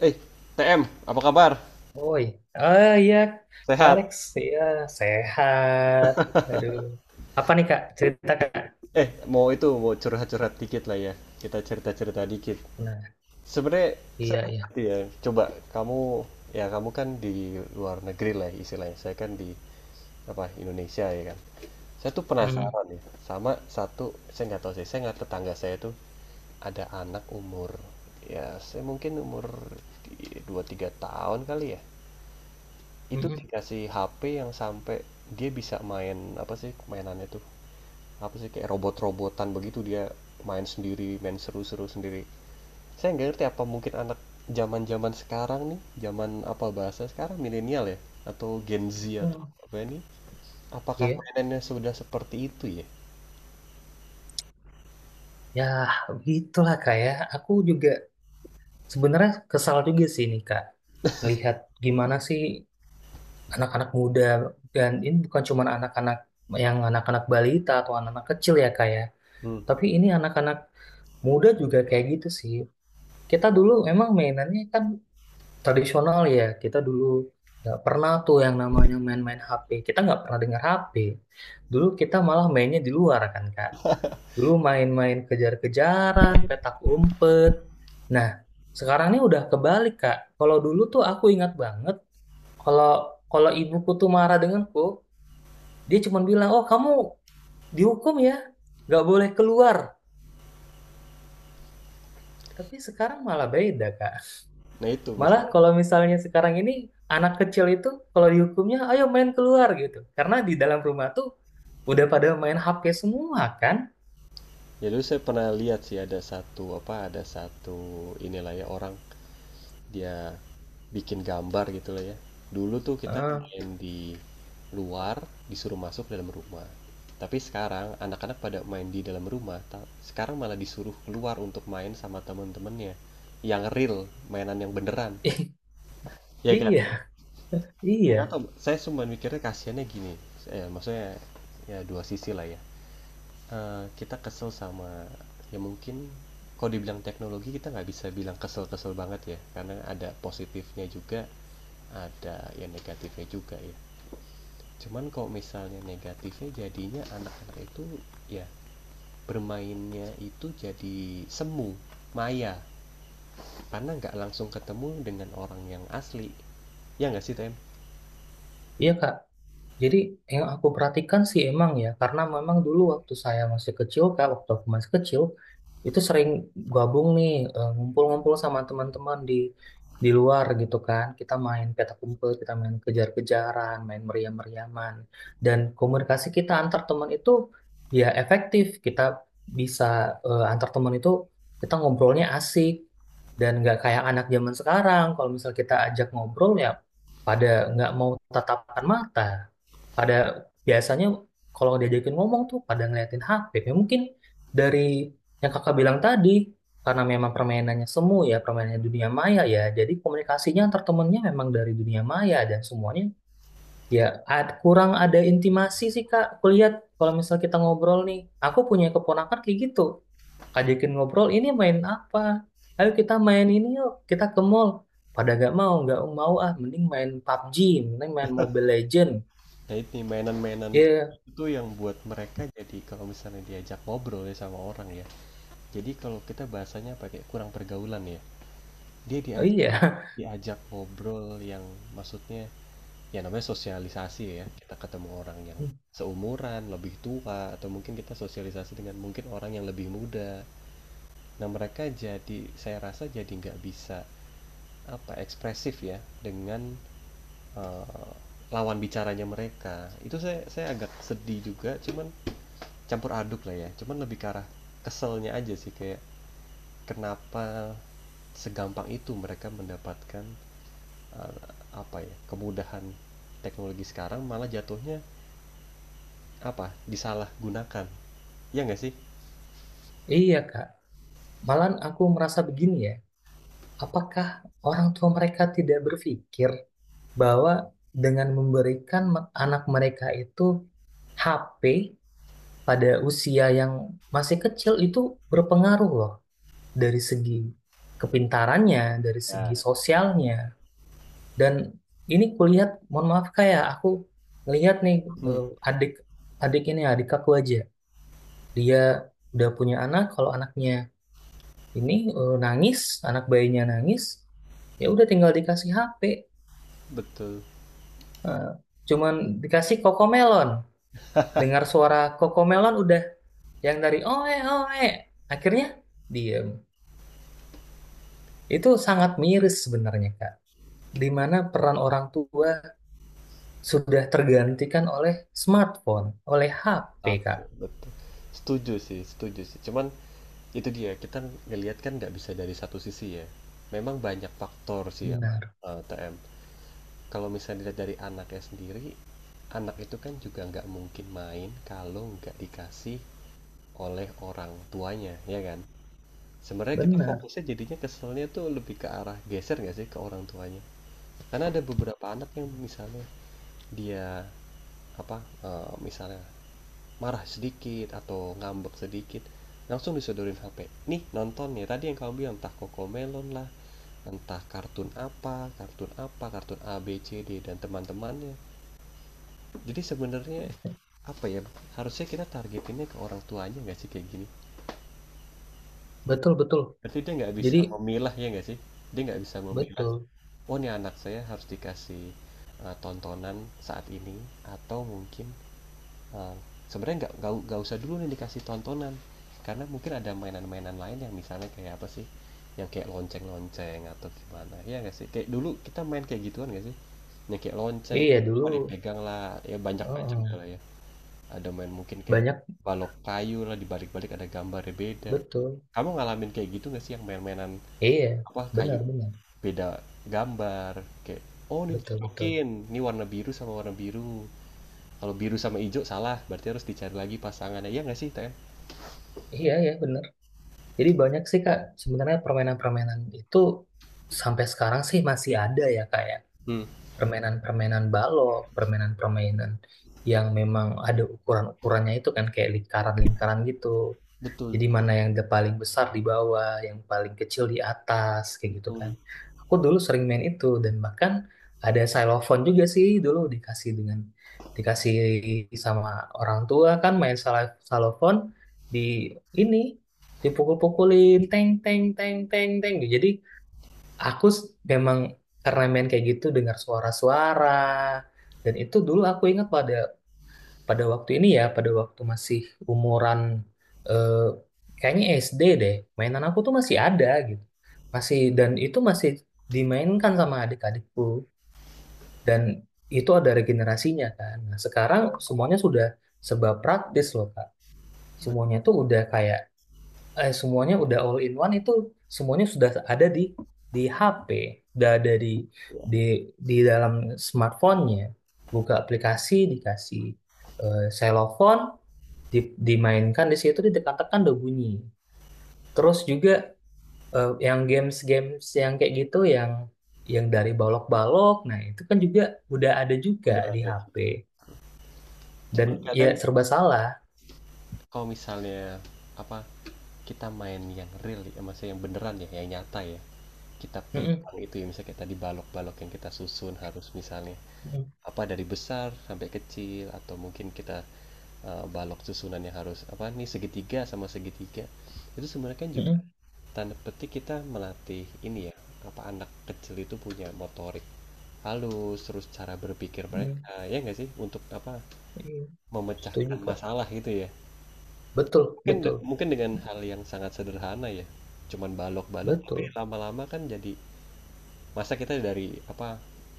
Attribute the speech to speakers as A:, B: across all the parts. A: Eh, TM, apa kabar?
B: Oh iya, oh, iya. Kak
A: Sehat?
B: Alex, iya sehat. Aduh, apa nih Kak? Cerita Kak.
A: Eh, mau curhat-curhat dikit lah ya. Kita cerita-cerita dikit.
B: Nah,
A: Sebenarnya saya
B: iya,
A: nggak
B: iya.
A: ngerti ya. Coba kamu, ya kamu kan di luar negeri lah istilahnya. Saya kan di apa Indonesia ya kan. Saya tuh
B: Hmm,
A: penasaran ya sama satu, saya nggak tahu sih. Saya nggak Tetangga saya tuh ada anak umur, ya saya mungkin umur dua tiga tahun kali ya.
B: hmm,
A: Itu
B: hmm,
A: dikasih HP yang sampai dia bisa main apa sih mainannya tuh, apa sih kayak robot-robotan begitu, dia main sendiri, main seru-seru sendiri. Saya nggak ngerti, apa mungkin anak zaman-zaman sekarang nih, zaman apa bahasa sekarang milenial ya, atau Gen Z, atau
B: hmm.
A: apa ini? Apakah
B: Iya,
A: mainannya sudah seperti itu ya?
B: ya gitulah Kak ya. Aku juga sebenarnya kesal juga sih nih Kak. Melihat gimana sih anak-anak muda, dan ini bukan cuma anak-anak, yang anak-anak balita atau anak-anak kecil ya Kak ya.
A: Hmm.
B: Tapi ini anak-anak muda juga kayak gitu sih. Kita dulu emang mainannya kan tradisional ya, kita dulu nggak pernah tuh yang namanya main-main HP, kita nggak pernah dengar HP dulu, kita malah mainnya di luar kan Kak, dulu main-main kejar-kejaran, petak umpet. Nah sekarang ini udah kebalik Kak, kalau dulu tuh aku ingat banget kalau kalau ibuku tuh marah denganku, dia cuma bilang oh kamu dihukum ya, nggak boleh keluar, tapi sekarang malah beda Kak.
A: Nah itu
B: Malah
A: maksudnya,
B: kalau misalnya sekarang ini anak kecil itu, kalau dihukumnya ayo main keluar gitu. Karena di dalam rumah tuh udah pada main HP semua kan.
A: ya dulu saya pernah lihat sih, ada satu inilah ya orang, dia bikin gambar gitu loh ya. Dulu tuh kita
B: Heeh.
A: main di luar, disuruh masuk dalam rumah. Tapi sekarang anak-anak pada main di dalam rumah, sekarang malah disuruh keluar untuk main sama temen-temennya. Yang real, mainan yang beneran. Ya kan?
B: Iya,
A: Enggak
B: iya,
A: tahu, saya cuma mikirnya kasihannya gini. Eh, maksudnya ya dua sisi lah ya. Eh, kita kesel sama, ya mungkin kalau dibilang teknologi kita nggak bisa bilang kesel-kesel banget ya, karena ada positifnya juga, ada ya negatifnya juga ya. Cuman kalau misalnya negatifnya, jadinya anak-anak itu ya bermainnya itu jadi semu, maya, karena nggak langsung ketemu dengan orang yang asli, ya nggak sih, Tem?
B: iya Kak. Jadi yang aku perhatikan sih emang ya, karena memang dulu waktu saya masih kecil, kak waktu aku masih kecil, itu sering gabung nih, ngumpul-ngumpul sama teman-teman di luar gitu kan. Kita main petak umpet, kita main kejar-kejaran, main meriam-meriaman. Dan komunikasi kita antar teman itu ya efektif. Kita bisa, antar teman itu kita ngobrolnya asik dan nggak kayak anak zaman sekarang. Kalau misal kita ajak ngobrol ya pada nggak mau tatapan mata, pada biasanya kalau diajakin ngomong tuh pada ngeliatin HP, ya mungkin dari yang kakak bilang tadi, karena memang permainannya semu ya, permainannya dunia maya ya, jadi komunikasinya antar temennya memang dari dunia maya, dan semuanya ya kurang ada intimasi sih kak. Aku lihat kalau misal kita ngobrol nih, aku punya keponakan kayak gitu, ajakin ngobrol ini main apa, ayo kita main ini yuk, kita ke mall, pada gak mau, nggak mau, ah mending main PUBG, mending main Mobile Legend.
A: Nah ini mainan-mainan
B: Iya,
A: itu yang buat mereka jadi kalau misalnya diajak ngobrol ya sama orang ya, jadi kalau kita bahasanya pakai kurang pergaulan ya. Dia
B: oh
A: diajak
B: iya.
A: diajak ngobrol yang maksudnya ya, namanya sosialisasi ya, kita ketemu orang yang
B: Hmm.
A: seumuran, lebih tua, atau mungkin kita sosialisasi dengan mungkin orang yang lebih muda. Nah mereka jadi, saya rasa jadi nggak bisa apa, ekspresif ya dengan eh, lawan bicaranya. Mereka itu, saya agak sedih juga, cuman campur aduk lah ya, cuman lebih ke arah keselnya aja sih, kayak kenapa segampang itu mereka mendapatkan eh, apa ya, kemudahan teknologi sekarang malah jatuhnya apa, disalahgunakan, ya nggak sih?
B: Iya, Kak. Malahan aku merasa begini ya, apakah orang tua mereka tidak berpikir bahwa dengan memberikan anak mereka itu HP pada usia yang masih kecil itu berpengaruh loh, dari segi kepintarannya, dari segi
A: Ya.
B: sosialnya. Dan ini kulihat, mohon maaf kayak aku ngelihat nih,
A: Hmm,
B: eh, adik, adik ini adik aku aja, dia udah punya anak, kalau anaknya ini nangis, anak bayinya nangis ya udah tinggal dikasih HP.
A: betul.
B: Eh, Cuman dikasih kokomelon, dengar suara kokomelon udah, yang dari oe oe akhirnya diem. Itu sangat miris sebenarnya Kak, di mana peran orang tua sudah tergantikan oleh smartphone, oleh HP Kak.
A: Tapi, betul, setuju sih cuman itu dia, kita ngelihat kan nggak bisa dari satu sisi ya, memang banyak faktor sih ya, Mas,
B: Benar,
A: TM. Kalau misalnya dilihat dari anaknya sendiri, anak itu kan juga nggak mungkin main kalau nggak dikasih oleh orang tuanya, ya kan? Sebenarnya kita
B: benar.
A: fokusnya jadinya keselnya tuh lebih ke arah geser nggak sih ke orang tuanya, karena ada beberapa anak yang misalnya dia apa, misalnya marah sedikit atau ngambek sedikit, langsung disodorin HP, nih nonton ya. Tadi yang kamu bilang entah Kokomelon lah, entah kartun apa kartun apa kartun A B C D dan teman-temannya. Jadi sebenarnya apa ya, harusnya kita targetinnya ke orang tuanya nggak sih kayak gini?
B: Betul, betul.
A: Berarti dia nggak
B: Jadi
A: bisa memilah, ya nggak sih? Dia nggak bisa memilah,
B: betul.
A: oh ini anak saya harus dikasih tontonan saat ini, atau mungkin Eh, sebenarnya nggak usah dulu nih dikasih tontonan, karena mungkin ada mainan-mainan lain yang misalnya kayak apa sih, yang kayak lonceng-lonceng atau gimana ya nggak sih, kayak dulu kita main kayak gituan nggak sih, yang kayak lonceng
B: Iya dulu.
A: apa dipegang lah ya, banyak
B: Heeh.
A: macamnya lah ya. Ada main mungkin kayak
B: Banyak.
A: balok kayu lah, dibalik-balik ada gambarnya beda.
B: Betul.
A: Kamu ngalamin kayak gitu nggak sih, yang main-mainan
B: Iya.
A: apa kayu,
B: Benar, benar.
A: beda gambar, kayak oh ini
B: Betul, betul.
A: dicocokin, ini warna biru sama warna biru, kalau biru sama hijau salah, berarti harus dicari lagi pasangannya. Iya nggak sih, Tem?
B: Iya, ya bener. Jadi banyak sih Kak, sebenarnya permainan-permainan itu sampai sekarang sih masih ada ya, kayak
A: Hmm.
B: permainan-permainan balok, permainan-permainan yang memang ada ukuran-ukurannya itu kan, kayak lingkaran-lingkaran gitu.
A: Betul,
B: Jadi mana yang the paling besar di bawah, yang paling kecil di atas, kayak gitu kan.
A: betul.
B: Aku dulu sering main itu, dan bahkan ada xylophone juga sih, dulu dikasih dengan dikasih sama orang tua, kan main xylophone di ini, dipukul-pukulin teng teng teng teng teng. Jadi aku s- memang karena main kayak gitu dengar suara-suara, dan itu dulu aku ingat pada pada waktu ini ya, pada waktu masih umuran eh, kayaknya SD deh, mainan aku tuh masih ada gitu. Masih, dan itu masih dimainkan sama adik-adikku, dan itu ada regenerasinya kan. Nah, sekarang semuanya sudah serba praktis loh, Kak. Semuanya tuh udah kayak, semuanya udah all in one itu, semuanya sudah ada di HP, udah ada di di
A: Ya,
B: di dalam smartphone-nya. Buka aplikasi dikasih selofon di, dimainkan di situ ditekan-tekan udah bunyi. Terus juga yang games-games yang kayak gitu, yang dari balok-balok, nah itu kan juga udah ada juga
A: udah
B: di
A: ada
B: HP.
A: gitu.
B: Dan
A: Cuman
B: ya
A: kadang
B: serba salah.
A: kalau misalnya apa, kita main yang real ya, maksudnya yang beneran ya, yang nyata ya. Kita
B: Mm-mm,
A: pegang itu ya, misalnya kayak tadi balok-balok yang kita susun harus misalnya
B: mm-mm,
A: apa, dari besar sampai kecil, atau mungkin kita balok susunannya harus apa nih, segitiga sama segitiga. Itu sebenarnya kan juga
B: mm-mm,
A: tanda petik kita melatih ini ya, apa anak kecil itu punya motorik halus, terus cara berpikir mereka,
B: mm-mm.
A: ya nggak sih? Untuk apa?
B: Iya, setuju,
A: Memecahkan
B: Kak.
A: masalah gitu ya.
B: Betul,
A: Mungkin
B: betul.
A: mungkin dengan hal yang sangat sederhana ya. Cuman balok-balok, tapi
B: Betul.
A: lama-lama kan jadi masa kita dari apa,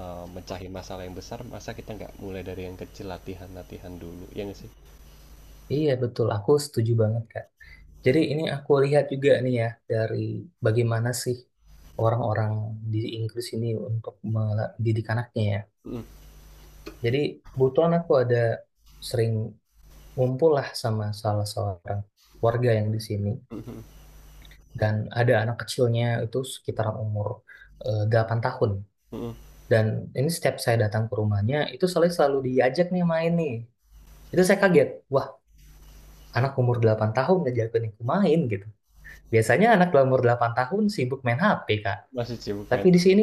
A: mecahin masalah yang besar, masa kita nggak mulai dari yang kecil, latihan-latihan dulu, ya nggak sih?
B: Iya, betul. Aku setuju banget, Kak. Jadi ini aku lihat juga nih ya, dari bagaimana sih orang-orang di Inggris ini untuk mendidik anaknya ya.
A: Mm,
B: Jadi kebetulan aku ada sering ngumpul lah sama salah seorang keluarga yang di sini.
A: mm, mm,
B: Dan ada anak kecilnya itu sekitaran umur 8 tahun.
A: mm.
B: Dan ini setiap saya datang ke rumahnya, itu selalu, selalu diajak nih main nih. Itu saya kaget, wah anak umur 8 tahun ngajak aku main gitu. Biasanya anak dalam umur 8 tahun sibuk main HP, Kak.
A: Masih sibuk
B: Tapi
A: pengen.
B: di sini,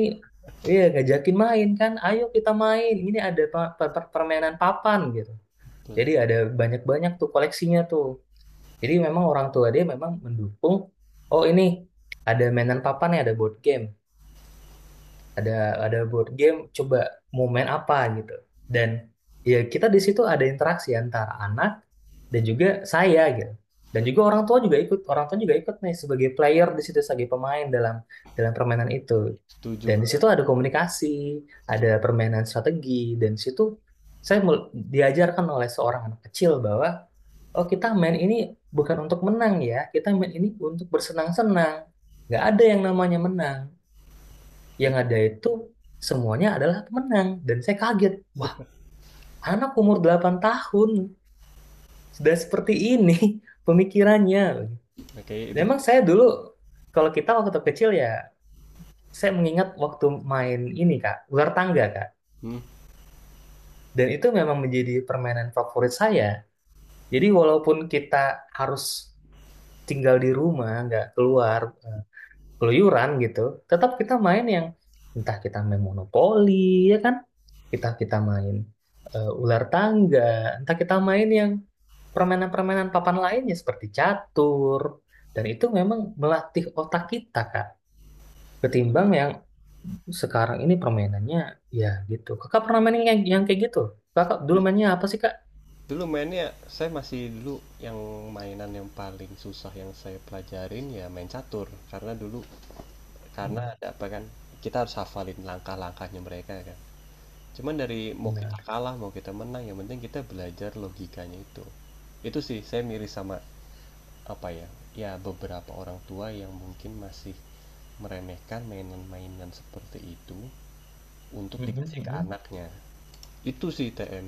B: iya ngajakin main kan. Ayo kita main. Ini ada permainan papan gitu.
A: Betul,
B: Jadi ada banyak-banyak tuh koleksinya tuh. Jadi memang orang tua dia memang mendukung. Oh ini ada mainan papan ya, ada board game, ada board game, coba mau main apa gitu, dan ya kita di situ ada interaksi antara anak dan juga saya gitu, dan
A: betul.
B: juga orang tua juga ikut, orang tua juga ikut nih sebagai player di situ, sebagai pemain dalam dalam permainan itu,
A: Setuju
B: dan di
A: banget.
B: situ ada komunikasi, ada
A: Setuju.
B: permainan strategi. Dan di situ saya diajarkan oleh seorang anak kecil bahwa oh kita main ini bukan untuk menang ya, kita main ini untuk bersenang-senang, nggak ada yang namanya menang, yang
A: Betul.
B: ada itu semuanya adalah pemenang. Dan saya kaget, wah anak umur 8 tahun sudah seperti ini pemikirannya.
A: Oke,
B: Dan
A: itu.
B: emang saya dulu, kalau kita waktu kecil ya, saya mengingat waktu main ini kak, ular tangga kak,
A: Hmm.
B: dan itu memang menjadi permainan favorit saya. Jadi walaupun kita harus tinggal di rumah nggak keluar, keluyuran gitu, tetap kita main yang, entah kita main monopoli ya kan, kita kita main ular tangga, entah kita main yang permainan-permainan papan lainnya seperti catur, dan itu memang melatih otak kita, Kak. Ketimbang yang sekarang ini permainannya ya gitu. Kakak pernah main yang kayak gitu? Kakak dulu mainnya apa sih, Kak?
A: Dulu mainnya saya masih dulu yang mainan yang paling susah yang saya pelajarin ya main catur, karena dulu karena
B: Mm-mm,
A: ada apa kan kita harus hafalin langkah-langkahnya mereka kan. Cuman dari mau kita
B: benar.
A: kalah mau kita menang, yang penting kita belajar logikanya itu. Itu sih saya miris sama apa ya? Ya beberapa orang tua yang mungkin masih meremehkan mainan-mainan seperti itu untuk
B: Mm-mm,
A: dikasih ke
B: mm-mm.
A: anaknya. Itu sih TM.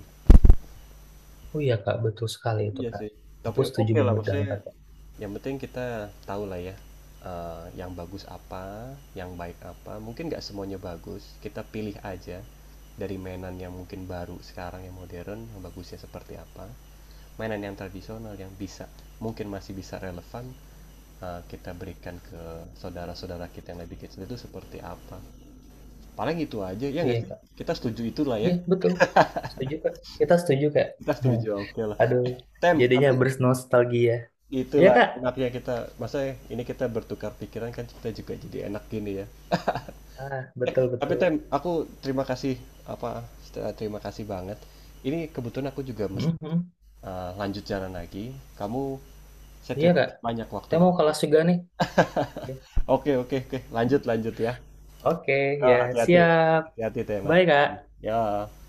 B: Oh iya, Kak, betul sekali itu,
A: Iya
B: Kak.
A: sih.
B: Aku
A: Tapi
B: setuju
A: oke lah
B: banget dengan
A: maksudnya,
B: Kakak.
A: yang penting kita tahu lah ya, yang bagus apa, yang baik apa, mungkin nggak semuanya bagus, kita pilih aja dari mainan yang mungkin baru sekarang yang modern, yang bagusnya seperti apa, mainan yang tradisional yang bisa mungkin masih bisa relevan, kita berikan ke saudara-saudara kita yang lebih kecil itu seperti apa. Paling itu aja, ya nggak
B: Iya,
A: sih?
B: Kak.
A: Kita setuju itulah
B: Iya,
A: ya,
B: betul. Setuju, Kak. Kita setuju, Kak.
A: kita
B: Hmm.
A: setuju, oke lah,
B: Aduh,
A: Tem,
B: jadinya
A: tapi
B: bernostalgia. Iya,
A: itulah
B: Kak.
A: enaknya kita, maksudnya ini kita bertukar pikiran kan, kita juga jadi enak gini ya.
B: Ah,
A: Eh,
B: betul,
A: tapi
B: betul.
A: Tem, aku terima kasih apa terima kasih banget. Ini kebetulan aku juga mesti
B: Mhm.
A: lanjut jalan lagi. Kamu saya
B: Iya,
A: terima
B: Kak.
A: kasih banyak waktu
B: Saya mau
A: kamu.
B: kelas juga nih. Ya.
A: Oke, oke, oke. Lanjut, lanjut ya.
B: Oke,
A: Eh,
B: ya
A: hati-hati.
B: siap.
A: Hati-hati, Tem.
B: Bye,
A: Hati-hati.
B: Kak.
A: Ya.